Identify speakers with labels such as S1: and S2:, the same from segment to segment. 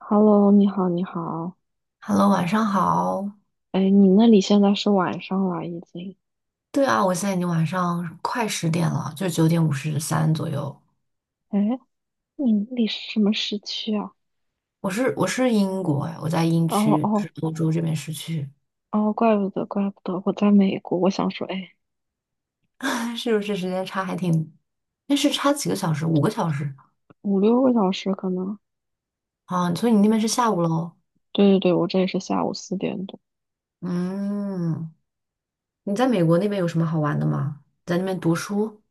S1: Hello，你好，你好。
S2: Hello，晚上好。
S1: 哎，你那里现在是晚上了，已经。
S2: 对啊，我现在已经晚上快10点了，就9:53左右。
S1: 哎，你那里是什么时区啊？
S2: 我是英国哎，我在英
S1: 哦
S2: 区，就
S1: 哦
S2: 是欧洲这边市区，
S1: 哦，怪不得，怪不得，我在美国。我想说，哎，
S2: 是不是时间差还挺？那是差几个小时？5个小时
S1: 5、6个小时可能。
S2: 啊？所以你那边是下午喽？
S1: 对对对，我这里是下午4点多。
S2: 嗯，你在美国那边有什么好玩的吗？在那边读书？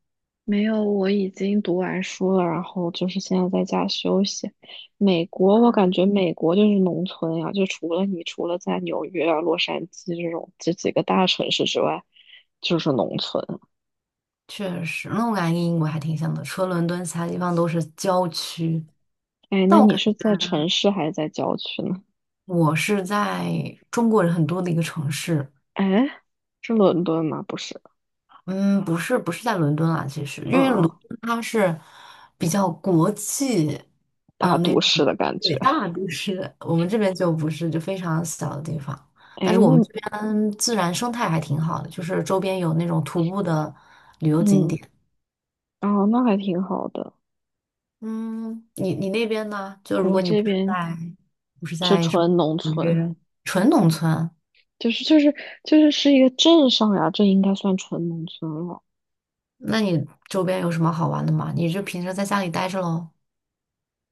S1: 没有，我已经读完书了，然后就是现在在家休息。美国，我感觉美国就是农村呀、就除了在纽约啊、洛杉矶这种这几个大城市之外，就是农村。
S2: 确实，那我感觉跟英国还挺像的，除了伦敦，其他地方都是郊区。
S1: 哎，
S2: 但
S1: 那
S2: 我
S1: 你
S2: 感
S1: 是
S2: 觉
S1: 在城市还是在郊区呢？
S2: 我是在中国人很多的一个城市。
S1: 哎，是伦敦吗？不是，
S2: 嗯，不是在伦敦啊，其实因
S1: 嗯
S2: 为伦
S1: 嗯，
S2: 敦它是比较国际，
S1: 大
S2: 那
S1: 都
S2: 种
S1: 市的感觉。
S2: 对大都市，我们这边就不是，就非常小的地方。但
S1: 哎，
S2: 是我们这边自然生态还挺好的，就是周边有那种徒步的旅游景
S1: 嗯，
S2: 点。
S1: 哦，那还挺好的。
S2: 嗯，你那边呢？就如
S1: 我
S2: 果你
S1: 这
S2: 不是
S1: 边
S2: 在不是
S1: 是
S2: 在什么
S1: 纯农
S2: 纽
S1: 村，
S2: 约纯农村，
S1: 就是就是就是是一个镇上呀，这应该算纯农村了。
S2: 那你周边有什么好玩的吗？你就平时在家里待着喽？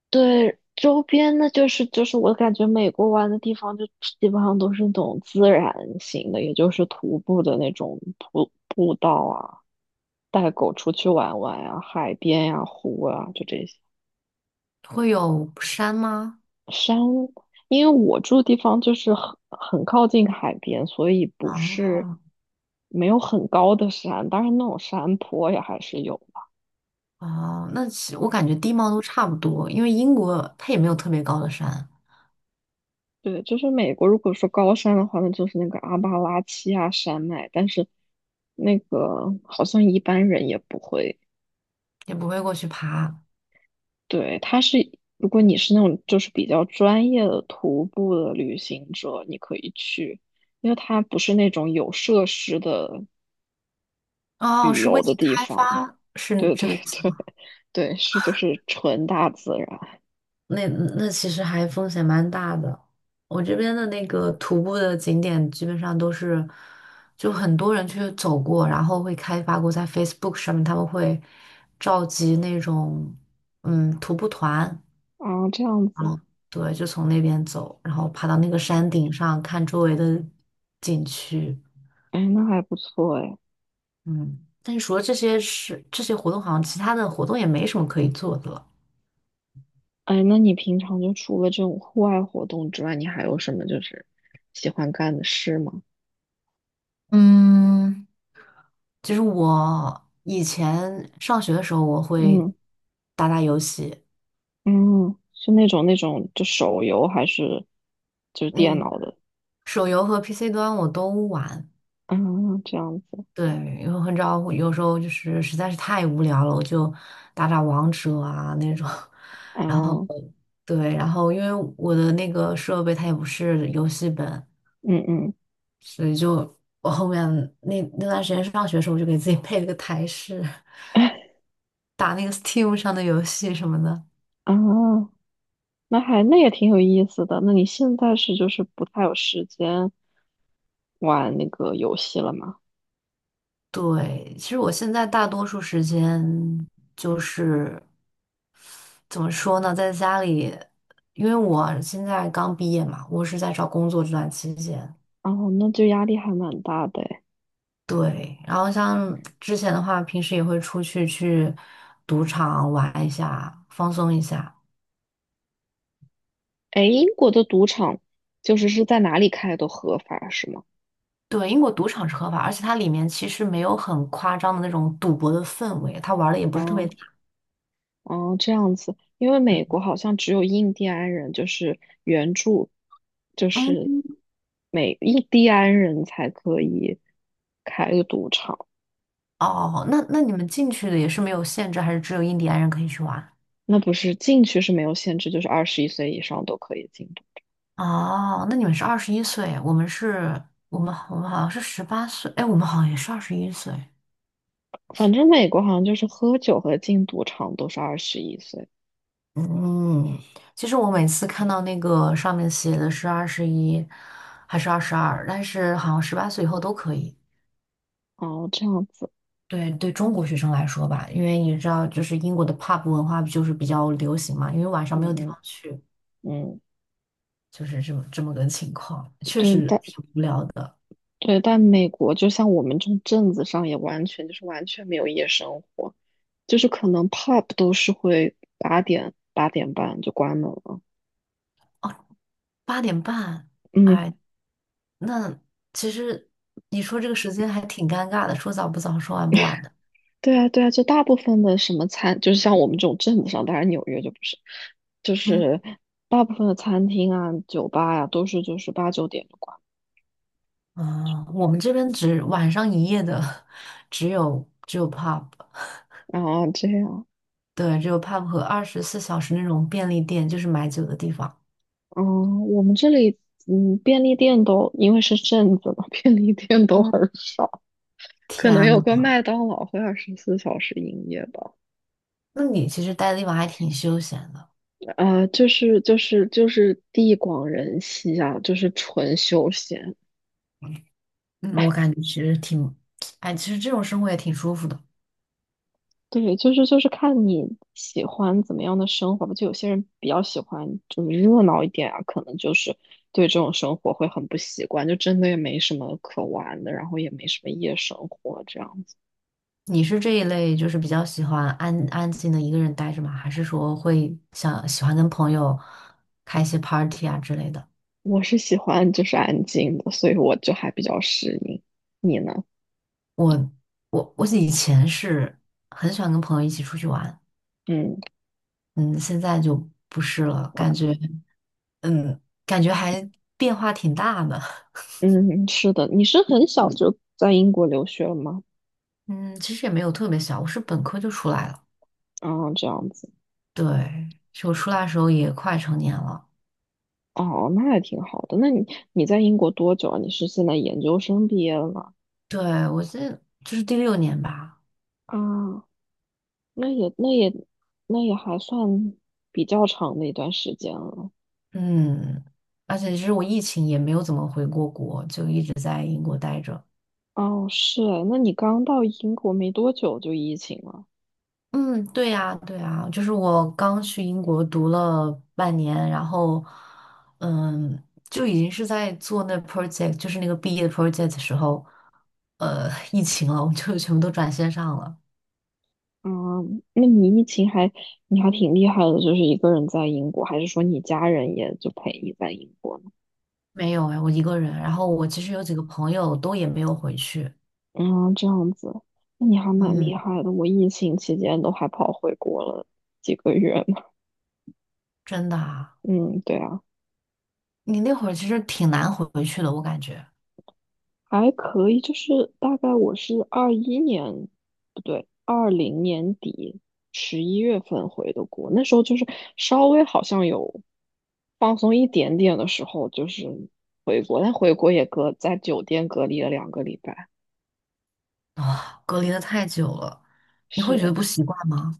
S1: 对，周边呢，就是我感觉美国玩的地方就基本上都是那种自然型的，也就是徒步的那种步道啊，带狗出去玩玩呀、海边呀、湖啊，就这些
S2: 会有山吗？
S1: 山。因为我住的地方就是很靠近海边，所以不是
S2: 啊。
S1: 没有很高的山，当然那种山坡也还是有。
S2: 哦，那其我感觉地貌都差不多，因为英国它也没有特别高的山，
S1: 对，就是美国，如果说高山的话，那就是那个阿巴拉契亚山脉，但是那个好像一般人也不会。
S2: 也不会过去爬。
S1: 对，它是，如果你是那种就是比较专业的徒步的旅行者，你可以去，因为它不是那种有设施的
S2: 哦，
S1: 旅
S2: 是未
S1: 游的
S2: 经
S1: 地
S2: 开
S1: 方。
S2: 发，是
S1: 对
S2: 这
S1: 对
S2: 个意思
S1: 对
S2: 吗？
S1: 对，是就是纯大自然
S2: 那其实还风险蛮大的。我这边的那个徒步的景点基本上都是，就很多人去走过，然后会开发过，在 Facebook 上面他们会召集那种徒步团，
S1: 啊，这样
S2: 然
S1: 子，
S2: 后对，就从那边走，然后爬到那个山顶上看周围的景区。
S1: 哎，那还不错哎。
S2: 嗯，但是除了这些事，这些活动，好像其他的活动也没什么可以做的了。
S1: 哎，那你平常就除了这种户外活动之外，你还有什么就是喜欢干的事吗？
S2: 嗯就是我以前上学的时候，我会
S1: 嗯
S2: 打打游戏，
S1: 嗯，是那种就手游还是就是电
S2: 嗯，
S1: 脑的
S2: 手游和 PC 端我都玩。
S1: 啊？这样子
S2: 对，因为很少，有时候就是实在是太无聊了，我就打打王者啊那种。然后，
S1: 啊，
S2: 对，然后因为我的那个设备它也不是游戏本，
S1: 嗯嗯
S2: 所以就我后面那段时间上学的时候，我就给自己配了个台式，打那个 Steam 上的游戏什么的。
S1: 啊，那也挺有意思的。那你现在是就是不太有时间玩那个游戏了吗？
S2: 对，其实我现在大多数时间就是怎么说呢，在家里，因为我现在刚毕业嘛，我是在找工作这段期间。
S1: 哦，那就压力还蛮大的诶。
S2: 对，然后像之前的话，平时也会出去去赌场玩一下，放松一下。
S1: 哎，英国的赌场是在哪里开都合法是吗？
S2: 对，英国赌场是合法，而且它里面其实没有很夸张的那种赌博的氛围，它玩的也不是特别
S1: 啊
S2: 大。
S1: 哦，这样子，因为美国好像只有印第安人，就是原著，就是
S2: 嗯，
S1: 美印第安人才可以开个赌场。
S2: 哦，那你们进去的也是没有限制，还是只有印第安人可以去玩？
S1: 那不是进去是没有限制，就是二十一岁以上都可以进赌。
S2: 哦，那你们是二十一岁，我们是，我们好像是十八岁，哎，我们好像也是二十一岁。
S1: 反正美国好像就是喝酒和进赌场都是二十一岁。
S2: 嗯，其实我每次看到那个上面写的是二十一还是22，但是好像十八岁以后都可以。
S1: 哦，这样子，
S2: 对对中国学生来说吧，因为你知道，就是英国的 pub 文化就是比较流行嘛，因为晚上没有地
S1: 嗯嗯
S2: 方去，
S1: 嗯，
S2: 就是这么个情况，确
S1: 对，
S2: 实
S1: 但
S2: 挺无聊的。
S1: 对，但美国就像我们这种镇子上也完全没有夜生活。就是可能 pub 都是会8点、8点半就关门了。
S2: 哦，8:30，
S1: 嗯，
S2: 哎，那其实你说这个时间还挺尴尬的，说早不早，说晚不晚的。
S1: 对啊，对啊，就大部分的什么餐，就是像我们这种镇子上，当然纽约就不是，就
S2: 嗯，
S1: 是大部分的餐厅啊、酒吧呀、都是就是8、9点就关。
S2: 啊，我们这边只晚上营业的 只有 pub，
S1: 然后这样，
S2: 对，只有 pub 和24小时那种便利店，就是买酒的地方。
S1: 嗯，我们这里，便利店都因为是镇子嘛，便利店都
S2: 嗯，
S1: 很少，可能
S2: 天
S1: 有个
S2: 呐。
S1: 麦当劳会24小时营业吧。
S2: 那你其实待的地方还挺休闲的，
S1: 就是地广人稀啊，就是纯休闲。
S2: 嗯，我感觉其实挺，哎，其实这种生活也挺舒服的。
S1: 对，就是看你喜欢怎么样的生活吧。就有些人比较喜欢就是热闹一点啊，可能就是对这种生活会很不习惯，就真的也没什么可玩的，然后也没什么夜生活这样子。
S2: 你是这一类就是比较喜欢安安静的一个人待着吗？还是说会想喜欢跟朋友开一些 party 啊之类的？
S1: 我是喜欢就是安静的，所以我就还比较适应。你呢？
S2: 我我以前是很喜欢跟朋友一起出去玩，
S1: 嗯
S2: 嗯，现在就不是了，感觉嗯，感觉还变化挺大的，
S1: 嗯，是的，你是很小就在英国留学了吗？
S2: 嗯，其实也没有特别小，我是本科就出来了，
S1: 啊，这样子。
S2: 对，就我出来的时候也快成年了。
S1: 哦，那也挺好的。那你在英国多久啊？你是现在研究生毕业了吗？
S2: 对，我是就是第六年吧，
S1: 啊，那也那也那也还算比较长的一段时间了。
S2: 嗯，而且其实我疫情也没有怎么回过国，就一直在英国待着。
S1: 哦，是，那你刚到英国没多久就疫情了。
S2: 嗯，对呀，对呀，就是我刚去英国读了半年，然后，嗯，就已经是在做那 project，就是那个毕业 project 的时候，疫情了，我就全部都转线上了。
S1: 啊，那你疫情还你还挺厉害的，就是一个人在英国，还是说你家人也就陪你在英国呢？
S2: 没有哎，我一个人，然后我其实有几个朋友都也没有回去。
S1: 嗯，这样子，那你还蛮厉
S2: 嗯，
S1: 害的。我疫情期间都还跑回国了几个月呢。
S2: 真的啊，
S1: 嗯，对啊。
S2: 你那会儿其实挺难回去的，我感觉。
S1: 还可以，就是大概我是21年，不对，二零年底11月份回的国，那时候就是稍微好像有放松一点点的时候，就是回国，但回国也隔在酒店隔离了2个礼拜，
S2: 啊，隔离的太久了，你会觉得
S1: 是。
S2: 不习惯吗？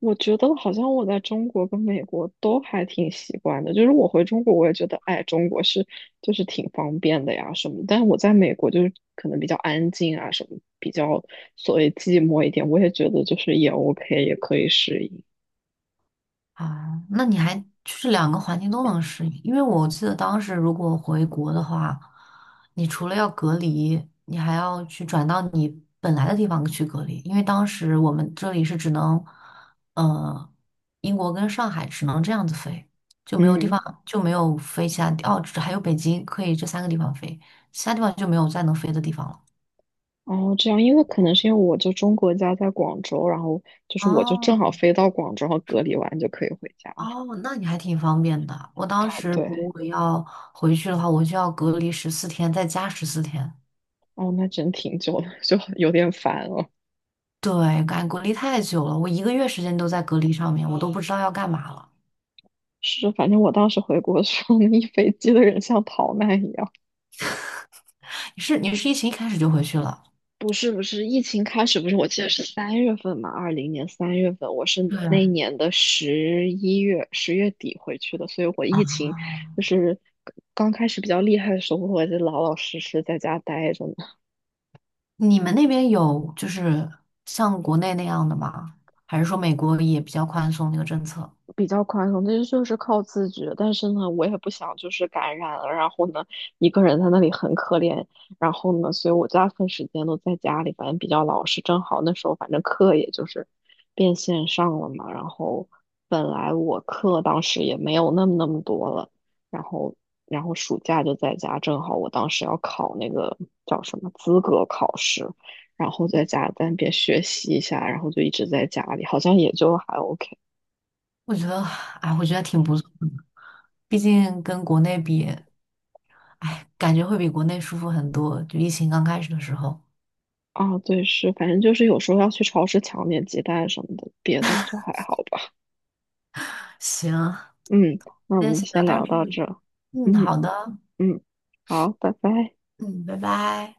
S1: 我觉得好像我在中国跟美国都还挺习惯的，就是我回中国我也觉得，哎，中国是就是挺方便的呀什么，但是我在美国就是可能比较安静啊什么，比较所谓寂寞一点，我也觉得就是也 OK，也可以适应。
S2: 啊，那你还就是两个环境都能适应，因为我记得当时如果回国的话，你除了要隔离，你还要去转到你本来的地方去隔离，因为当时我们这里是只能，呃，英国跟上海只能这样子飞，就没有地
S1: 嗯，
S2: 方就没有飞其他地，哦，只还有北京可以这三个地方飞，其他地方就没有再能飞的地方了。
S1: 哦，这样，因为可能是因为我就中国家在广州，然后就是我就正
S2: 哦，
S1: 好飞到广州，然后隔离完就可以回家了。
S2: 哦，那你还挺方便的。我当时
S1: 对，
S2: 如果要回去的话，我就要隔离十四天，再加十四天。
S1: 哦，那真挺久的，就有点烦了。
S2: 对，感觉隔离太久了，我1个月时间都在隔离上面，我都不知道要干嘛了。
S1: 是，反正我当时回国的时候，那一飞机的人像逃难一样。
S2: 你是疫情一开始就回去了？
S1: 不是不是，疫情开始不是，我记得是三月份嘛，二零年三月份，我是
S2: 对
S1: 那一年的十一月10月底回去的，所以我
S2: 啊，
S1: 疫情就是刚开始比较厉害的时候，我就老老实实在家待着，
S2: 你们那边有就是像国内那样的吗？还是说美国也比较宽松那个政策？
S1: 比较宽松，这就是靠自觉。但是呢，我也不想就是感染了，然后呢，一个人在那里很可怜。然后呢，所以我大部分时间都在家里，反正比较老实。正好那时候，反正课也就是变线上了嘛。然后本来我课当时也没有那么多了，然后然后暑假就在家，正好我当时要考那个叫什么资格考试，然后在家在那边学习一下，然后就一直在家里，好像也就还 OK。
S2: 我觉得，哎，我觉得挺不错的，毕竟跟国内比，哎，感觉会比国内舒服很多。就疫情刚开始的时候。
S1: 啊，对，是，反正就是有时候要去超市抢点鸡蛋什么的，别的就还好吧。
S2: 行，
S1: 嗯，那我
S2: 今天
S1: 们就
S2: 先聊
S1: 先
S2: 到
S1: 聊
S2: 这
S1: 到这
S2: 里。
S1: 儿。
S2: 嗯，好
S1: 嗯
S2: 的，
S1: 嗯，好，拜拜。
S2: 嗯，拜拜。